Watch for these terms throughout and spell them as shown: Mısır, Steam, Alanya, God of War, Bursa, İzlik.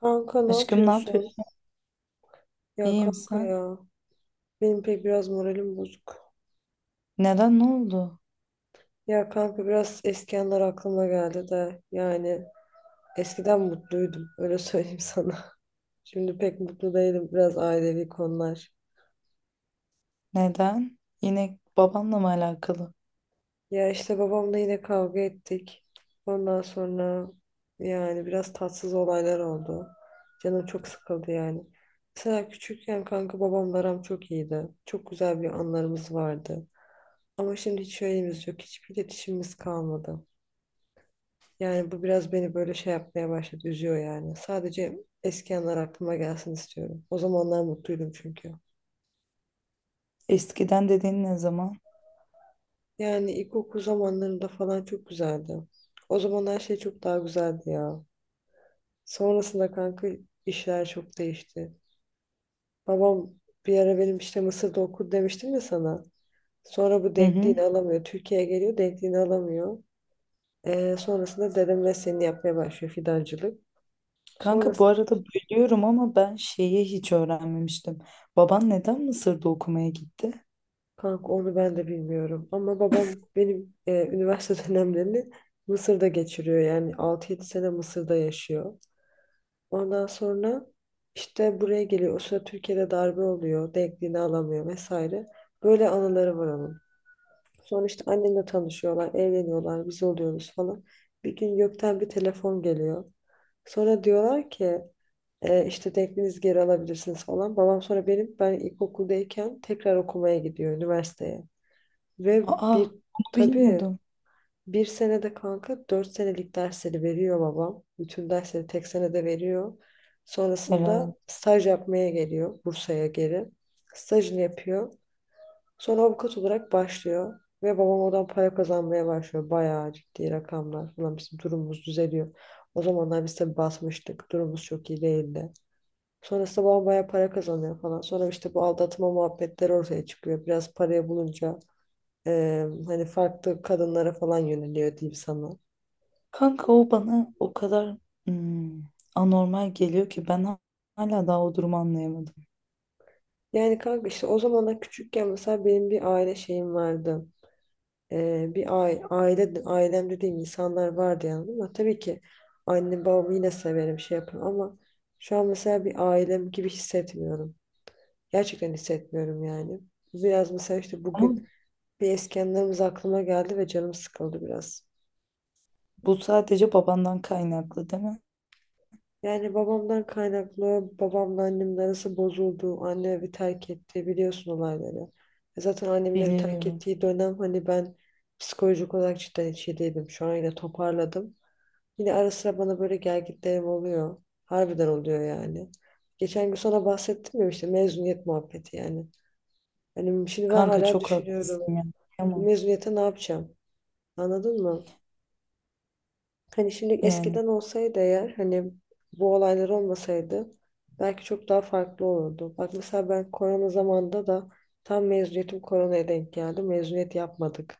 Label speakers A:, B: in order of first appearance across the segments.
A: Kanka ne
B: Aşkım ne
A: yapıyorsun?
B: yapıyorsun?
A: Ya
B: İyiyim
A: kanka
B: sen.
A: ya. Benim pek biraz moralim bozuk.
B: Neden ne oldu?
A: Ya kanka biraz eski anlar aklıma geldi de yani eskiden mutluydum öyle söyleyeyim sana. Şimdi pek mutlu değilim, biraz ailevi konular.
B: Neden? Yine babanla mı alakalı?
A: Ya işte babamla yine kavga ettik. Ondan sonra yani biraz tatsız olaylar oldu. Canım çok sıkıldı yani. Mesela küçükken kanka babamla aram çok iyiydi. Çok güzel bir anlarımız vardı. Ama şimdi hiç şeyimiz yok. Hiçbir iletişimimiz kalmadı. Yani bu biraz beni böyle şey yapmaya başladı. Üzüyor yani. Sadece eski anlar aklıma gelsin istiyorum. O zamanlar mutluydum çünkü.
B: Eskiden dediğin ne zaman?
A: Yani ilkokul zamanlarında falan çok güzeldi. O zaman her şey çok daha güzeldi ya. Sonrasında kanka işler çok değişti. Babam bir ara benim işte Mısır'da okur demiştim ya sana. Sonra bu
B: Hı hı.
A: denkliğini alamıyor. Türkiye'ye geliyor, denkliğini alamıyor. Sonrasında dedem mesleğini yapmaya başlıyor, fidancılık.
B: Kanka bu
A: Sonrasında
B: arada bölüyorum ama ben şeyi hiç öğrenmemiştim. Baban neden Mısır'da okumaya gitti?
A: kanka onu ben de bilmiyorum. Ama babam benim üniversite dönemlerini Mısır'da geçiriyor. Yani 6-7 sene Mısır'da yaşıyor. Ondan sonra işte buraya geliyor. O sırada Türkiye'de darbe oluyor. Denkliğini alamıyor vesaire. Böyle anıları var onun. Sonra işte annemle tanışıyorlar, evleniyorlar, biz oluyoruz falan. Bir gün gökten bir telefon geliyor. Sonra diyorlar ki işte denkliğinizi geri alabilirsiniz falan. Babam sonra benim ilkokuldayken tekrar okumaya gidiyor üniversiteye. Ve
B: Aa,
A: bir
B: onu
A: tabii
B: bilmiyordum.
A: bir senede kanka 4 senelik dersleri veriyor babam. Bütün dersleri tek senede veriyor.
B: Helal.
A: Sonrasında staj yapmaya geliyor Bursa'ya geri. Stajını yapıyor. Sonra avukat olarak başlıyor. Ve babam oradan para kazanmaya başlıyor. Bayağı ciddi rakamlar falan, bizim durumumuz düzeliyor. O zamanlar biz tabii basmıştık. Durumumuz çok iyi değildi. Sonrasında babam bayağı para kazanıyor falan. Sonra işte bu aldatma muhabbetleri ortaya çıkıyor. Biraz paraya bulunca hani farklı kadınlara falan yöneliyor, diyeyim sana.
B: Kanka o bana o kadar hmm, anormal geliyor ki ben hala daha o durumu anlayamadım.
A: Yani kanka işte o zamanlar küçükken mesela benim bir aile şeyim vardı. Bir ailem dediğim insanlar vardı yani, ama tabii ki anne babamı yine severim, şey yaparım, ama şu an mesela bir ailem gibi hissetmiyorum. Gerçekten hissetmiyorum yani. Biraz mesela işte
B: Ama
A: bugün bir eski anılarımız aklıma geldi ve canım sıkıldı biraz.
B: bu sadece babandan kaynaklı değil mi?
A: Yani babamdan kaynaklı, babamla annemin arası bozuldu. Anne evi terk etti, biliyorsun olayları. Zaten annemin evi terk
B: Biliyorum.
A: ettiği dönem hani ben psikolojik olarak cidden hiç iyi değildim. Şu an yine toparladım. Yine ara sıra bana böyle gelgitlerim oluyor. Harbiden oluyor yani. Geçen gün sana bahsettim ya işte mezuniyet muhabbeti yani. Hani şimdi ben
B: Kanka
A: hala
B: çok
A: düşünüyorum.
B: haklısın ya.
A: Mezuniyete ne yapacağım? Anladın mı? Hani şimdi
B: Yani
A: eskiden olsaydı, eğer hani bu olaylar olmasaydı belki çok daha farklı olurdu. Bak mesela ben korona zamanında da tam mezuniyetim koronaya denk geldi. Mezuniyet yapmadık.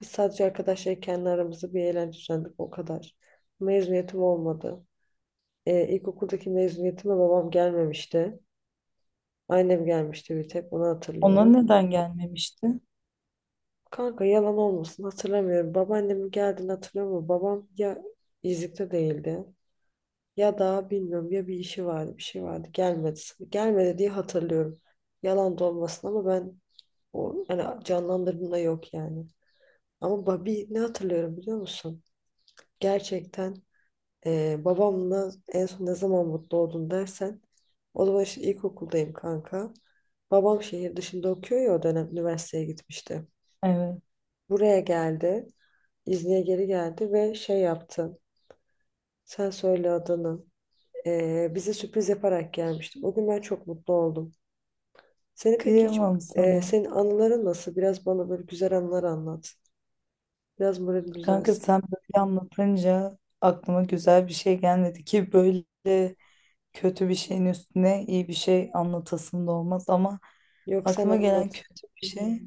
A: Biz sadece arkadaşlar kendi aramızda bir eğlence düzenledik, o kadar. Mezuniyetim olmadı. İlkokuldaki mezuniyetime babam gelmemişti. Annem gelmişti, bir tek onu
B: ona
A: hatırlıyorum.
B: neden gelmemişti?
A: Kanka yalan olmasın, hatırlamıyorum. Babaannemin geldiğini hatırlamıyorum. Babam ya İzlik'te değildi. Ya da bilmiyorum ya, bir işi vardı, bir şey vardı, gelmedi. Gelmedi diye hatırlıyorum. Yalan da olmasın ama ben o yani canlandırdığımda yok yani. Ama bir ne hatırlıyorum biliyor musun? Gerçekten babamla en son ne zaman mutlu oldun dersen, o zaman işte ilkokuldayım kanka. Babam şehir dışında okuyor ya, o dönem üniversiteye gitmişti.
B: Evet.
A: Buraya geldi. İzniye geri geldi ve şey yaptı. Sen söyle adını. Bize sürpriz yaparak gelmiştim. O gün ben çok mutlu oldum. Senin peki hiç,
B: Kıyamam sana.
A: senin anıların nasıl? Biraz bana böyle güzel anılar anlat. Biraz moralim
B: Kanka
A: düzelsin.
B: sen böyle anlatınca aklıma güzel bir şey gelmedi ki böyle kötü bir şeyin üstüne iyi bir şey anlatasım da olmaz ama
A: Yok sen
B: aklıma gelen
A: anlat.
B: kötü bir şey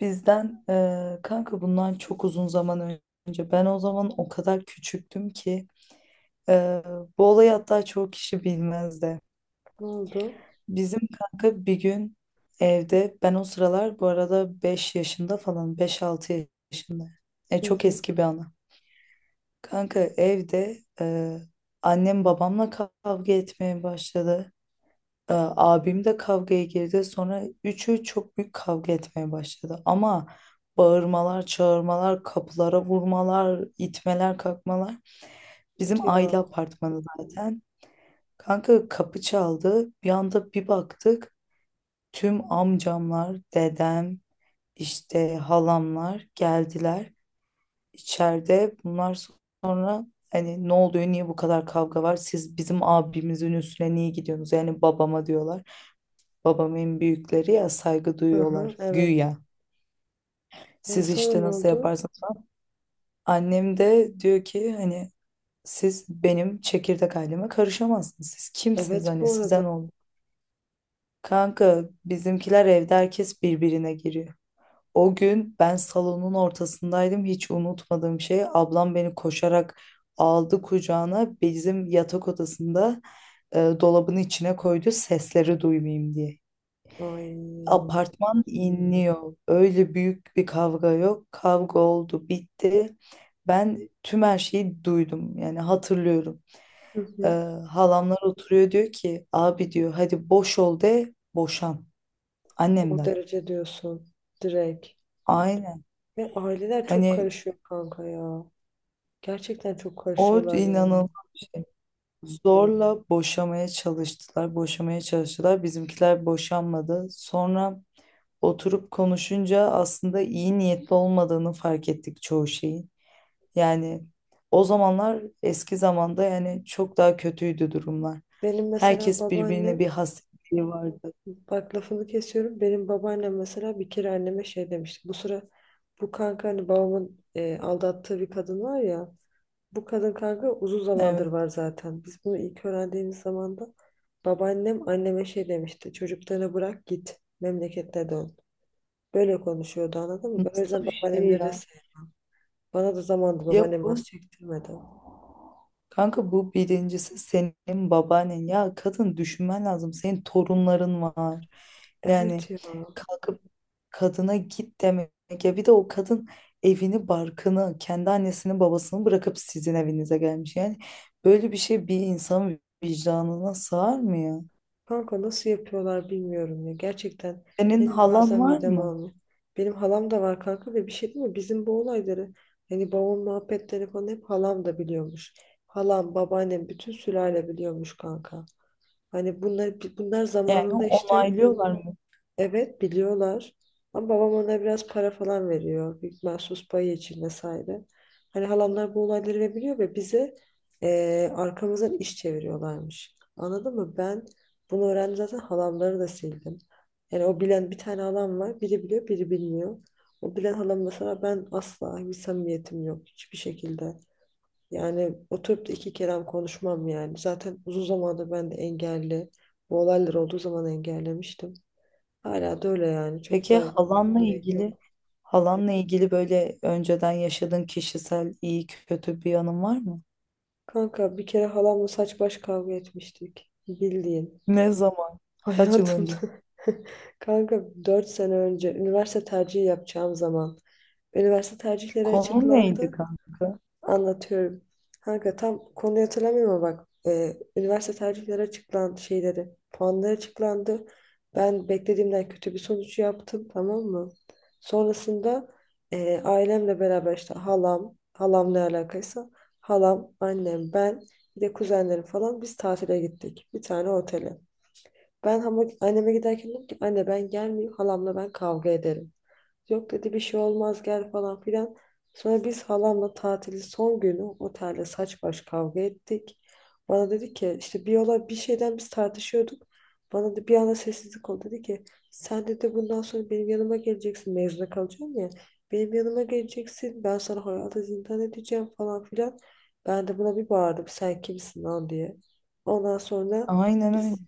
B: bizden kanka bundan çok uzun zaman önce ben o zaman o kadar küçüktüm ki eee, bu olayı hatta çoğu kişi bilmezdi.
A: Ne oldu?
B: Bizim kanka bir gün evde ben o sıralar bu arada 5 yaşında falan, 5-6 yaşında.
A: Hı
B: Çok
A: hı.
B: eski bir anı. Kanka evde annem babamla kavga etmeye başladı. E, abim de kavgaya girdi. Sonra üçü çok büyük kavga etmeye başladı. Ama bağırmalar, çağırmalar, kapılara vurmalar, itmeler, kalkmalar. Bizim
A: Hadi
B: aile
A: ya.
B: apartmanı zaten. Kanka kapı çaldı. Bir anda bir baktık. Tüm amcamlar, dedem, işte halamlar geldiler. İçeride bunlar, sonra hani ne oluyor, niye bu kadar kavga var? Siz bizim abimizin üstüne niye gidiyorsunuz? Yani babama diyorlar. Babam en büyükleri ya, saygı
A: Hı hı.
B: duyuyorlar
A: Evet.
B: güya. Siz
A: Sonra
B: işte
A: ne
B: nasıl
A: oldu?
B: yaparsanız falan. Annem de diyor ki hani siz benim çekirdek aileme karışamazsınız. Siz kimsiniz,
A: Evet
B: hani
A: bu
B: size
A: arada.
B: ne olur? Kanka bizimkiler evde herkes birbirine giriyor. O gün ben salonun ortasındaydım. Hiç unutmadığım şey, ablam beni koşarak aldı kucağına. Bizim yatak odasında dolabın içine koydu sesleri duymayayım diye.
A: Ay.
B: Apartman inliyor. Öyle büyük bir kavga yok. Kavga oldu, bitti. Ben tüm her şeyi duydum. Yani hatırlıyorum.
A: Hı
B: E,
A: hı.
B: Halamlar oturuyor, diyor ki abi diyor, hadi boş ol de, boşan
A: O
B: annemden.
A: derece diyorsun. Direkt.
B: Aynen.
A: Ve aileler çok
B: Hani
A: karışıyor kanka ya. Gerçekten çok
B: o
A: karışıyorlar
B: inanılmaz.
A: yani.
B: Zorla boşamaya çalıştılar, boşamaya çalıştılar. Bizimkiler boşanmadı. Sonra oturup konuşunca aslında iyi niyetli olmadığını fark ettik çoğu şeyin. Yani o zamanlar, eski zamanda yani çok daha kötüydü durumlar.
A: Benim mesela
B: Herkes birbirine
A: babaannem.
B: bir hasreti vardı.
A: Bak, lafını kesiyorum. Benim babaannem mesela bir kere anneme şey demişti. Bu sıra bu kanka hani babamın aldattığı bir kadın var ya. Bu kadın kanka uzun zamandır
B: Evet.
A: var zaten. Biz bunu ilk öğrendiğimiz zaman da babaannem anneme şey demişti. Çocuklarını bırak git. Memleketine dön. Böyle konuşuyordu, anladın mı? Ben o yüzden
B: Nasıl bir şey
A: babaannemleri de
B: ya?
A: sevdim. Bana da zamanında
B: Ya
A: babaannem
B: bu.
A: az çektirmedi.
B: Kanka bu birincisi senin babaannen. Ya kadın, düşünmen lazım. Senin torunların var. Yani
A: Evet ya.
B: kalkıp kadına git demek ya. Bir de o kadın evini, barkını, kendi annesini, babasını bırakıp sizin evinize gelmiş. Yani böyle bir şey bir insanın vicdanına sığar mı ya?
A: Kanka nasıl yapıyorlar bilmiyorum ya. Gerçekten
B: Senin
A: benim
B: halan
A: bazen
B: var
A: midem
B: mı?
A: almıyor. Benim halam da var kanka, ve bir şey değil mi? Bizim bu olayları, hani babam muhabbetleri falan hep halam da biliyormuş. Halam, babaannem, bütün sülale biliyormuş kanka. Hani bunlar
B: Yani
A: zamanında işte.
B: onaylıyorlar mı?
A: Evet, biliyorlar. Ama babam ona biraz para falan veriyor. Büyük mahsus payı için vesaire. Hani halamlar bu olayları ve biliyor ve bize arkamızdan iş çeviriyorlarmış. Anladın mı? Ben bunu öğrendim, zaten halamları da sildim. Yani o bilen bir tane halam var. Biri biliyor, biri bilmiyor. O bilen halam mesela ben asla bir samimiyetim yok hiçbir şekilde. Yani oturup da iki kelam konuşmam yani. Zaten uzun zamandır ben de engelli. Bu olaylar olduğu zaman engellemiştim. Hala da öyle yani. Çok
B: Peki
A: da
B: halanla
A: gerek
B: ilgili,
A: yok.
B: halanla ilgili böyle önceden yaşadığın kişisel iyi kötü bir yanın var mı?
A: Kanka bir kere halamla saç baş kavga etmiştik. Bildiğin.
B: Ne zaman? Kaç yıl
A: Hayatımda.
B: önce?
A: Kanka 4 sene önce, üniversite tercihi yapacağım zaman. Üniversite tercihleri
B: Konu neydi
A: açıklandı.
B: kanka?
A: Anlatıyorum. Kanka tam konuyu hatırlamıyorum ama bak, üniversite tercihleri açıklandı şeyleri. Puanlar açıklandı. Ben beklediğimden kötü bir sonuç yaptım, tamam mı? Sonrasında ailemle beraber işte halam, ne alakaysa, halam, annem, ben, bir de kuzenlerim falan biz tatile gittik. Bir tane otele. Ben ama anneme giderken dedim ki anne ben gelmeyeyim, halamla ben kavga ederim. Yok dedi, bir şey olmaz gel falan filan. Sonra biz halamla tatili son günü otelde saç baş kavga ettik. Bana dedi ki işte bir olay bir şeyden biz tartışıyorduk. Bana da bir anda sessizlik oldu. Dedi ki sen dedi bundan sonra benim yanıma geleceksin, mezuna kalacağım ya. Benim yanıma geleceksin, ben sana hayata zindan edeceğim falan filan. Ben de buna bir bağırdım, sen kimsin lan diye. Ondan sonra
B: Aynen öyle.
A: biz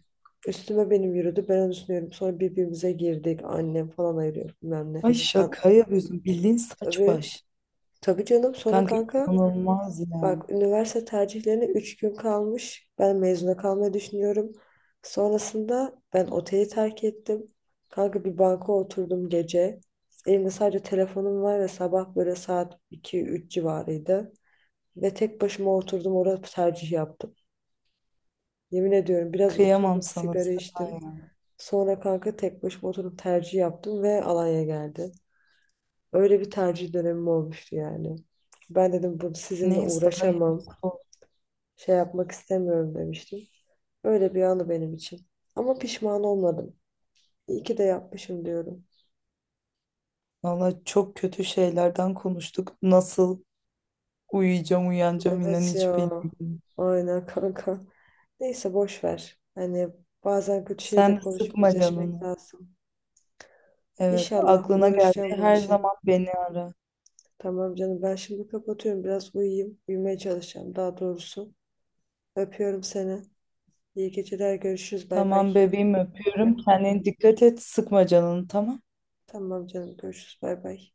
A: üstüme benim yürüdü. Ben onun üstüne yürüdüm. Sonra birbirimize girdik. Annem falan ayırıyor bilmem ne.
B: Ay,
A: Ama
B: şaka yapıyorsun. Bildiğin saç
A: tabii,
B: baş.
A: tabii canım, sonra
B: Kanka
A: kanka
B: inanılmaz ya.
A: bak üniversite tercihlerine 3 gün kalmış. Ben mezuna kalmayı düşünüyorum. Sonrasında ben oteli terk ettim. Kanka bir banka oturdum gece. Elimde sadece telefonum var ve sabah böyle saat 2-3 civarıydı. Ve tek başıma oturdum orada tercih yaptım. Yemin ediyorum biraz
B: Kıyamam
A: oturdum,
B: sana
A: sigara
B: Seda
A: içtim.
B: ya.
A: Sonra kanka tek başıma oturup tercih yaptım ve Alanya geldi. Öyle bir tercih dönemim olmuştu yani. Ben dedim bu sizinle
B: Neyse
A: uğraşamam,
B: hayırlısı olsun.
A: şey yapmak istemiyorum demiştim. Öyle bir anı benim için. Ama pişman olmadım. İyi ki de yapmışım diyorum.
B: Valla çok kötü şeylerden konuştuk. Nasıl uyuyacağım, uyanacağım inan
A: Evet
B: hiç
A: ya.
B: bilmiyorum.
A: Aynen kanka. Neyse boş ver. Hani bazen kötü şeyi
B: Sen
A: de
B: de
A: konuşup
B: sıkma
A: yüzleşmek
B: canını.
A: lazım.
B: Evet,
A: İnşallah
B: aklına geldiği
A: uğraşacağım bunun
B: her
A: için.
B: zaman beni ara.
A: Tamam canım ben şimdi kapatıyorum. Biraz uyuyayım. Uyumaya çalışacağım daha doğrusu. Öpüyorum seni. İyi geceler. Görüşürüz. Bay bay.
B: Tamam bebeğim, öpüyorum. Kendine dikkat et. Sıkma canını, tamam.
A: Tamam canım, görüşürüz, bay bay.